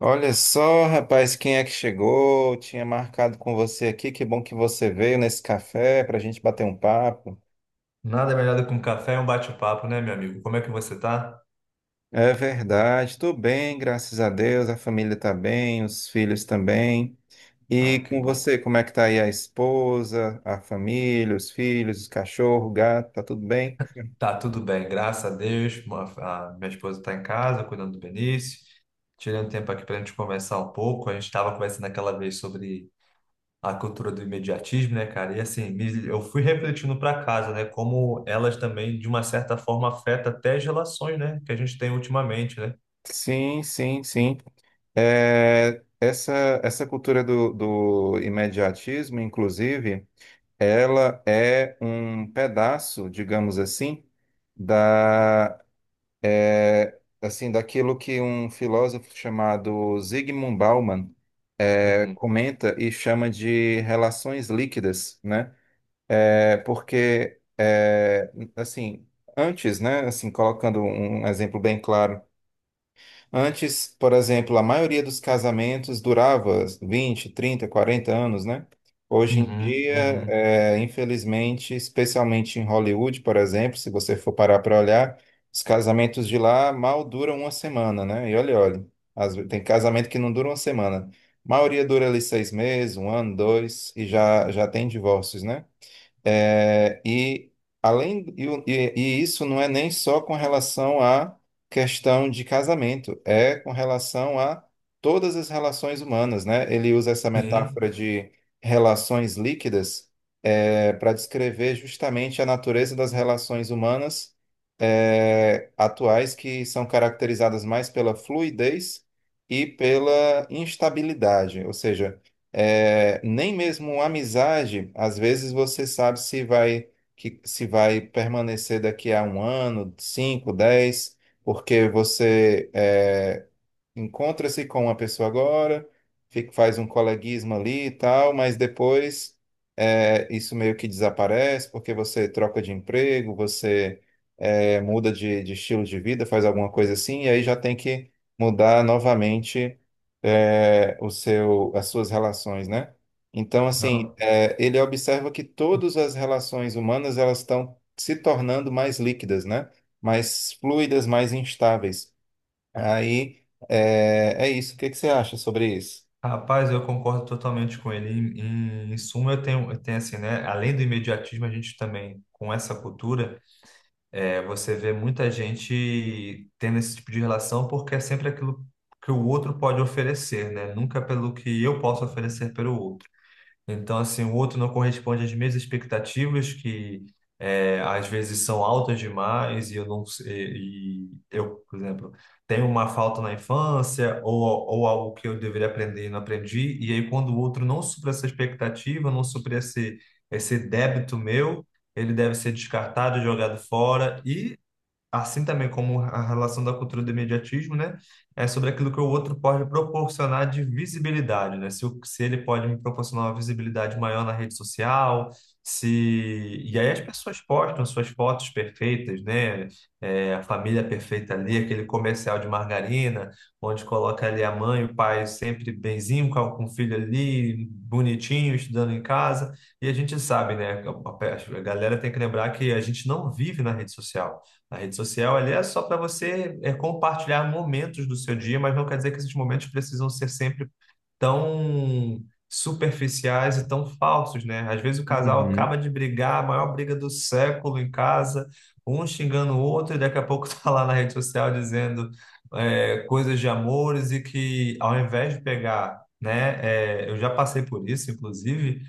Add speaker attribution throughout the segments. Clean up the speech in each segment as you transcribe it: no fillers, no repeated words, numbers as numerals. Speaker 1: Olha só, rapaz, quem é que chegou? Tinha marcado com você aqui. Que bom que você veio nesse café para a gente bater um papo.
Speaker 2: Nada melhor do que um café e um bate-papo, né, meu amigo? Como é que você tá?
Speaker 1: É verdade, tô bem, graças a Deus. A família tá bem, os filhos também.
Speaker 2: Ah,
Speaker 1: E
Speaker 2: que
Speaker 1: com
Speaker 2: bom.
Speaker 1: você, como é que tá aí a esposa, a família, os filhos, o cachorro, o gato? Tá tudo bem?
Speaker 2: Tá tudo bem, graças a Deus. A minha esposa tá em casa, cuidando do Benício. Tirando tempo aqui pra gente conversar um pouco. A gente estava conversando aquela vez sobre a cultura do imediatismo, né, cara? E assim, eu fui refletindo pra casa, né, como elas também, de uma certa forma, afetam até as relações, né, que a gente tem ultimamente, né?
Speaker 1: Sim, sim, sim. É, essa cultura do imediatismo, inclusive. Ela é um pedaço, digamos assim, da assim daquilo que um filósofo chamado Zygmunt Bauman
Speaker 2: Uhum.
Speaker 1: comenta e chama de relações líquidas, né? É, porque assim antes, né? Assim colocando um exemplo bem claro. Antes, por exemplo, a maioria dos casamentos durava 20, 30, 40 anos, né? Hoje em
Speaker 2: Uhum,
Speaker 1: dia,
Speaker 2: uhum.
Speaker 1: infelizmente, especialmente em Hollywood, por exemplo, se você for parar para olhar, os casamentos de lá mal duram uma semana, né? E olha, olha, tem casamento que não dura uma semana. A maioria dura ali 6 meses, um ano, dois, e já tem divórcios, né? É, e, além, e, o- e- e isso não é nem só com relação à questão de casamento, é com relação a todas as relações humanas, né? Ele usa essa metáfora
Speaker 2: Sim.
Speaker 1: de relações líquidas para descrever justamente a natureza das relações humanas atuais, que são caracterizadas mais pela fluidez e pela instabilidade. Ou seja, nem mesmo uma amizade, às vezes você sabe se vai que se vai permanecer daqui a um ano, 5, 10, porque você encontra-se com uma pessoa agora, faz um coleguismo ali e tal, mas depois isso meio que desaparece, porque você troca de emprego, você muda de estilo de vida, faz alguma coisa assim, e aí já tem que mudar novamente o seu, as suas relações, né? Então, assim,
Speaker 2: Não.
Speaker 1: ele observa que todas as relações humanas, elas estão se tornando mais líquidas, né? Mais fluidas, mais instáveis. Aí é isso. O que que você acha sobre isso?
Speaker 2: Rapaz, eu concordo totalmente com ele. Em suma, eu tenho assim, né? Além do imediatismo, a gente também, com essa cultura, você vê muita gente tendo esse tipo de relação porque é sempre aquilo que o outro pode oferecer, né? Nunca pelo que eu posso oferecer pelo outro. Então, assim, o outro não corresponde às minhas expectativas, que às vezes são altas demais e eu não sei, e eu, por exemplo, tenho uma falta na infância ou algo que eu deveria aprender e não aprendi, e aí quando o outro não supra essa expectativa, não supra esse débito meu, ele deve ser descartado, jogado fora, e assim também como a relação da cultura do imediatismo, né, é sobre aquilo que o outro pode proporcionar de visibilidade, né, se ele pode me proporcionar uma visibilidade maior na rede social, se... E aí as pessoas postam suas fotos perfeitas, né, a família perfeita ali, aquele comercial de margarina, onde coloca ali a mãe, o pai sempre benzinho com o filho ali, bonitinho, estudando em casa, e a gente sabe, né, a galera tem que lembrar que a gente não vive na rede social, a rede social ali é só para você compartilhar momentos do seu dia, mas não quer dizer que esses momentos precisam ser sempre tão superficiais e tão falsos, né? Às vezes o casal
Speaker 1: Uhum,
Speaker 2: acaba de brigar, a maior briga do século em casa, um xingando o outro, e daqui a pouco tá lá na rede social dizendo coisas de amores e que ao invés de pegar, né? Eu já passei por isso, inclusive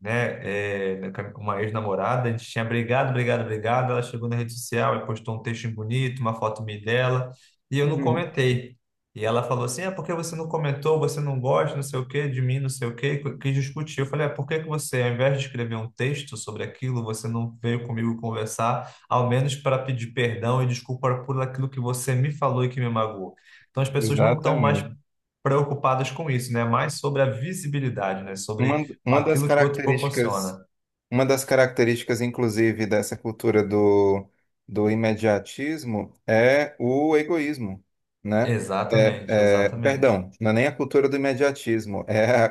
Speaker 2: né, com uma ex-namorada, a gente tinha brigado, brigado, brigado, ela chegou na rede social e postou um texto bonito, uma foto minha e dela, e eu não
Speaker 1: uhum.
Speaker 2: comentei. E ela falou assim, é porque você não comentou, você não gosta, não sei o quê, de mim, não sei o quê, quis discutir. Eu falei, é, por que que você, ao invés de escrever um texto sobre aquilo, você não veio comigo conversar, ao menos para pedir perdão e desculpa por aquilo que você me falou e que me magoou. Então as pessoas não estão mais
Speaker 1: Exatamente.
Speaker 2: preocupadas com isso, né? Mais sobre a visibilidade, né? Sobre
Speaker 1: Uma das
Speaker 2: aquilo que o outro
Speaker 1: características.
Speaker 2: proporciona.
Speaker 1: Uma das características, inclusive, dessa cultura do imediatismo é o egoísmo, né? É,
Speaker 2: Exatamente, exatamente.
Speaker 1: perdão, não é nem a cultura do imediatismo, é a,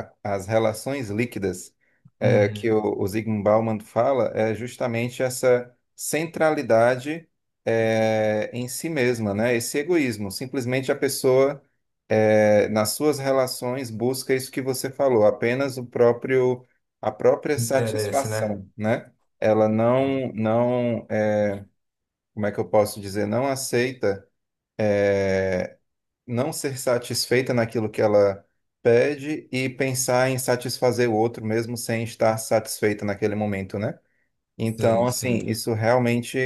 Speaker 1: a- a- as relações líquidas, que
Speaker 2: Uhum.
Speaker 1: o Zygmunt Bauman fala, é justamente essa centralidade em si mesma, né? Esse egoísmo, simplesmente a pessoa nas suas relações busca isso que você falou, apenas o próprio a própria
Speaker 2: Interesse, né?
Speaker 1: satisfação, né? Ela não, como é que eu posso dizer, não aceita não ser satisfeita naquilo que ela pede e pensar em satisfazer o outro mesmo sem estar satisfeita naquele momento, né? Então,
Speaker 2: Sim, sim.
Speaker 1: assim, isso realmente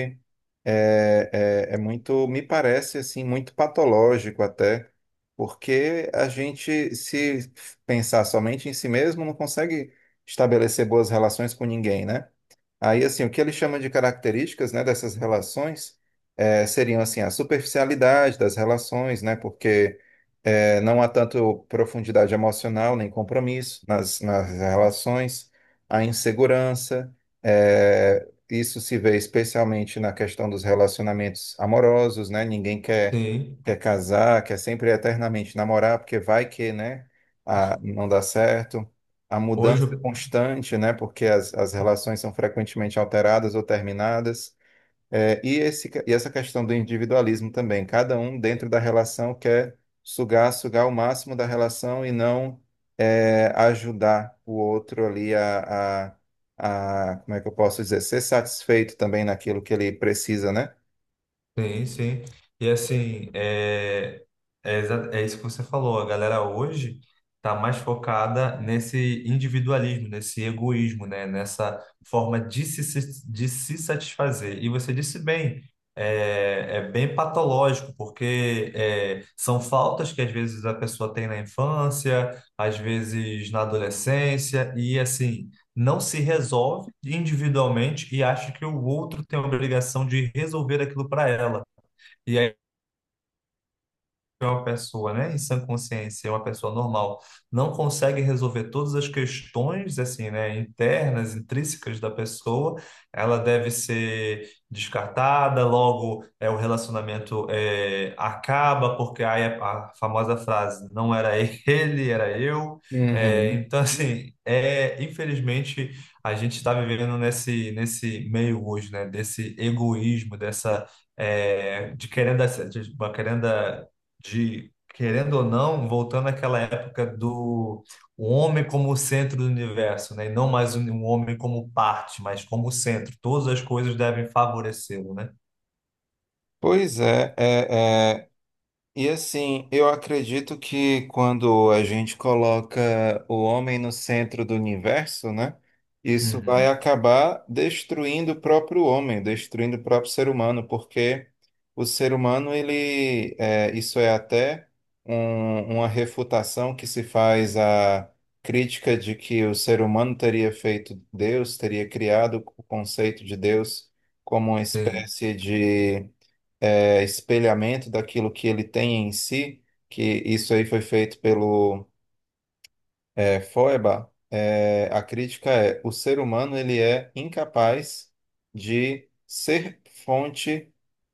Speaker 1: é, é muito, me parece assim, muito patológico até, porque a gente, se pensar somente em si mesmo, não consegue estabelecer boas relações com ninguém, né? Aí, assim, o que ele chama de características, né, dessas relações seriam, assim, a superficialidade das relações, né, porque não há tanto profundidade emocional nem compromisso nas relações, a insegurança, isso se vê especialmente na questão dos relacionamentos amorosos, né. Ninguém quer,
Speaker 2: Sim.
Speaker 1: quer casar, quer sempre eternamente namorar, porque vai que, né, a, não dá certo, a
Speaker 2: Hoje,
Speaker 1: mudança constante, né? Porque as relações são frequentemente alteradas ou terminadas. E essa questão do individualismo também. Cada um dentro da relação quer sugar o máximo da relação, e não ajudar o outro ali a, como é que eu posso dizer, ser satisfeito também naquilo que ele precisa, né?
Speaker 2: sim, sim. E assim, é isso que você falou. A galera hoje está mais focada nesse individualismo, nesse egoísmo, né? Nessa forma de de se satisfazer. E você disse bem, é bem patológico, porque são faltas que às vezes a pessoa tem na infância, às vezes na adolescência, e assim não se resolve individualmente e acha que o outro tem a obrigação de resolver aquilo para ela. E que uma pessoa, né, em sã consciência, é uma pessoa normal, não consegue resolver todas as questões, assim, né, internas, intrínsecas da pessoa, ela deve ser descartada, logo o relacionamento acaba, porque aí a famosa frase, não era ele, era eu. É,
Speaker 1: Uhum.
Speaker 2: então, assim, infelizmente, a gente está vivendo nesse, nesse meio hoje, né, desse egoísmo, dessa é, de querendo, de- querendo querendo ou não, voltando àquela época do o homem como o centro do universo, né? E não mais o um homem como parte, mas como centro. Todas as coisas devem favorecê-lo, né?
Speaker 1: Pois é, e assim, eu acredito que, quando a gente coloca o homem no centro do universo, né, isso vai
Speaker 2: Uhum.
Speaker 1: acabar destruindo o próprio homem, destruindo o próprio ser humano, porque o ser humano, ele, isso é até uma refutação que se faz à crítica de que o ser humano teria feito Deus, teria criado o conceito de Deus como uma
Speaker 2: Sim,
Speaker 1: espécie de espelhamento daquilo que ele tem em si, que isso aí foi feito pelo Feuerbach. É, a crítica é: o ser humano, ele é incapaz de ser fonte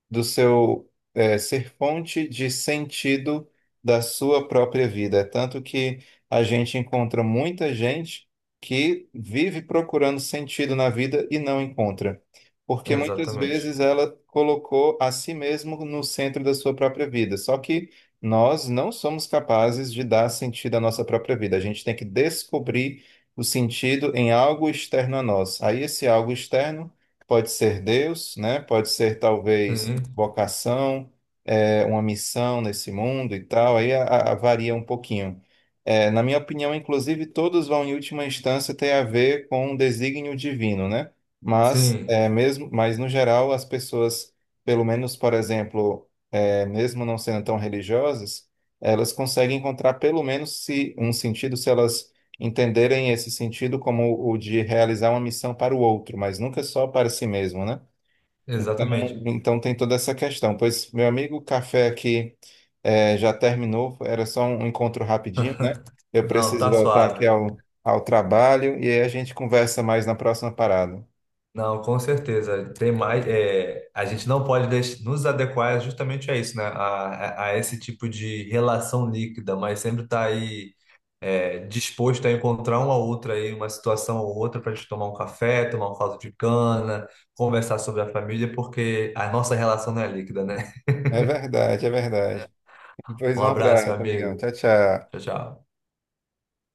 Speaker 1: ser fonte de sentido da sua própria vida. É tanto que a gente encontra muita gente que vive procurando sentido na vida e não encontra, porque muitas
Speaker 2: exatamente.
Speaker 1: vezes ela colocou a si mesmo no centro da sua própria vida. Só que nós não somos capazes de dar sentido à nossa própria vida. A gente tem que descobrir o sentido em algo externo a nós. Aí esse algo externo pode ser Deus, né? Pode ser talvez
Speaker 2: Sim,
Speaker 1: vocação, uma missão nesse mundo e tal. Aí varia um pouquinho. É, na minha opinião, inclusive, todos vão, em última instância, ter a ver com um desígnio divino, né? Mas,
Speaker 2: sim,
Speaker 1: é, mesmo, mas no geral, as pessoas, pelo menos, por exemplo, mesmo não sendo tão religiosas, elas conseguem encontrar, pelo menos, se, um sentido, se elas entenderem esse sentido como o de realizar uma missão para o outro, mas nunca só para si mesmo, né? Então,
Speaker 2: exatamente.
Speaker 1: então tem toda essa questão. Pois, meu amigo, o café aqui já terminou, era só um encontro rapidinho, né? Eu
Speaker 2: Não,
Speaker 1: preciso
Speaker 2: tá
Speaker 1: voltar aqui
Speaker 2: suave.
Speaker 1: ao trabalho, e aí a gente conversa mais na próxima parada.
Speaker 2: Não, com certeza. Tem mais, a gente não pode nos adequar justamente a isso, né? A esse tipo de relação líquida, mas sempre tá aí disposto a encontrar uma outra aí, uma situação ou outra para a gente tomar um café, tomar um caldo de cana, conversar sobre a família, porque a nossa relação não é líquida, né?
Speaker 1: É verdade, é verdade. Pois
Speaker 2: Um
Speaker 1: um
Speaker 2: abraço, meu
Speaker 1: abraço, amigão.
Speaker 2: amigo.
Speaker 1: Tchau, tchau.
Speaker 2: Tchau, tchau.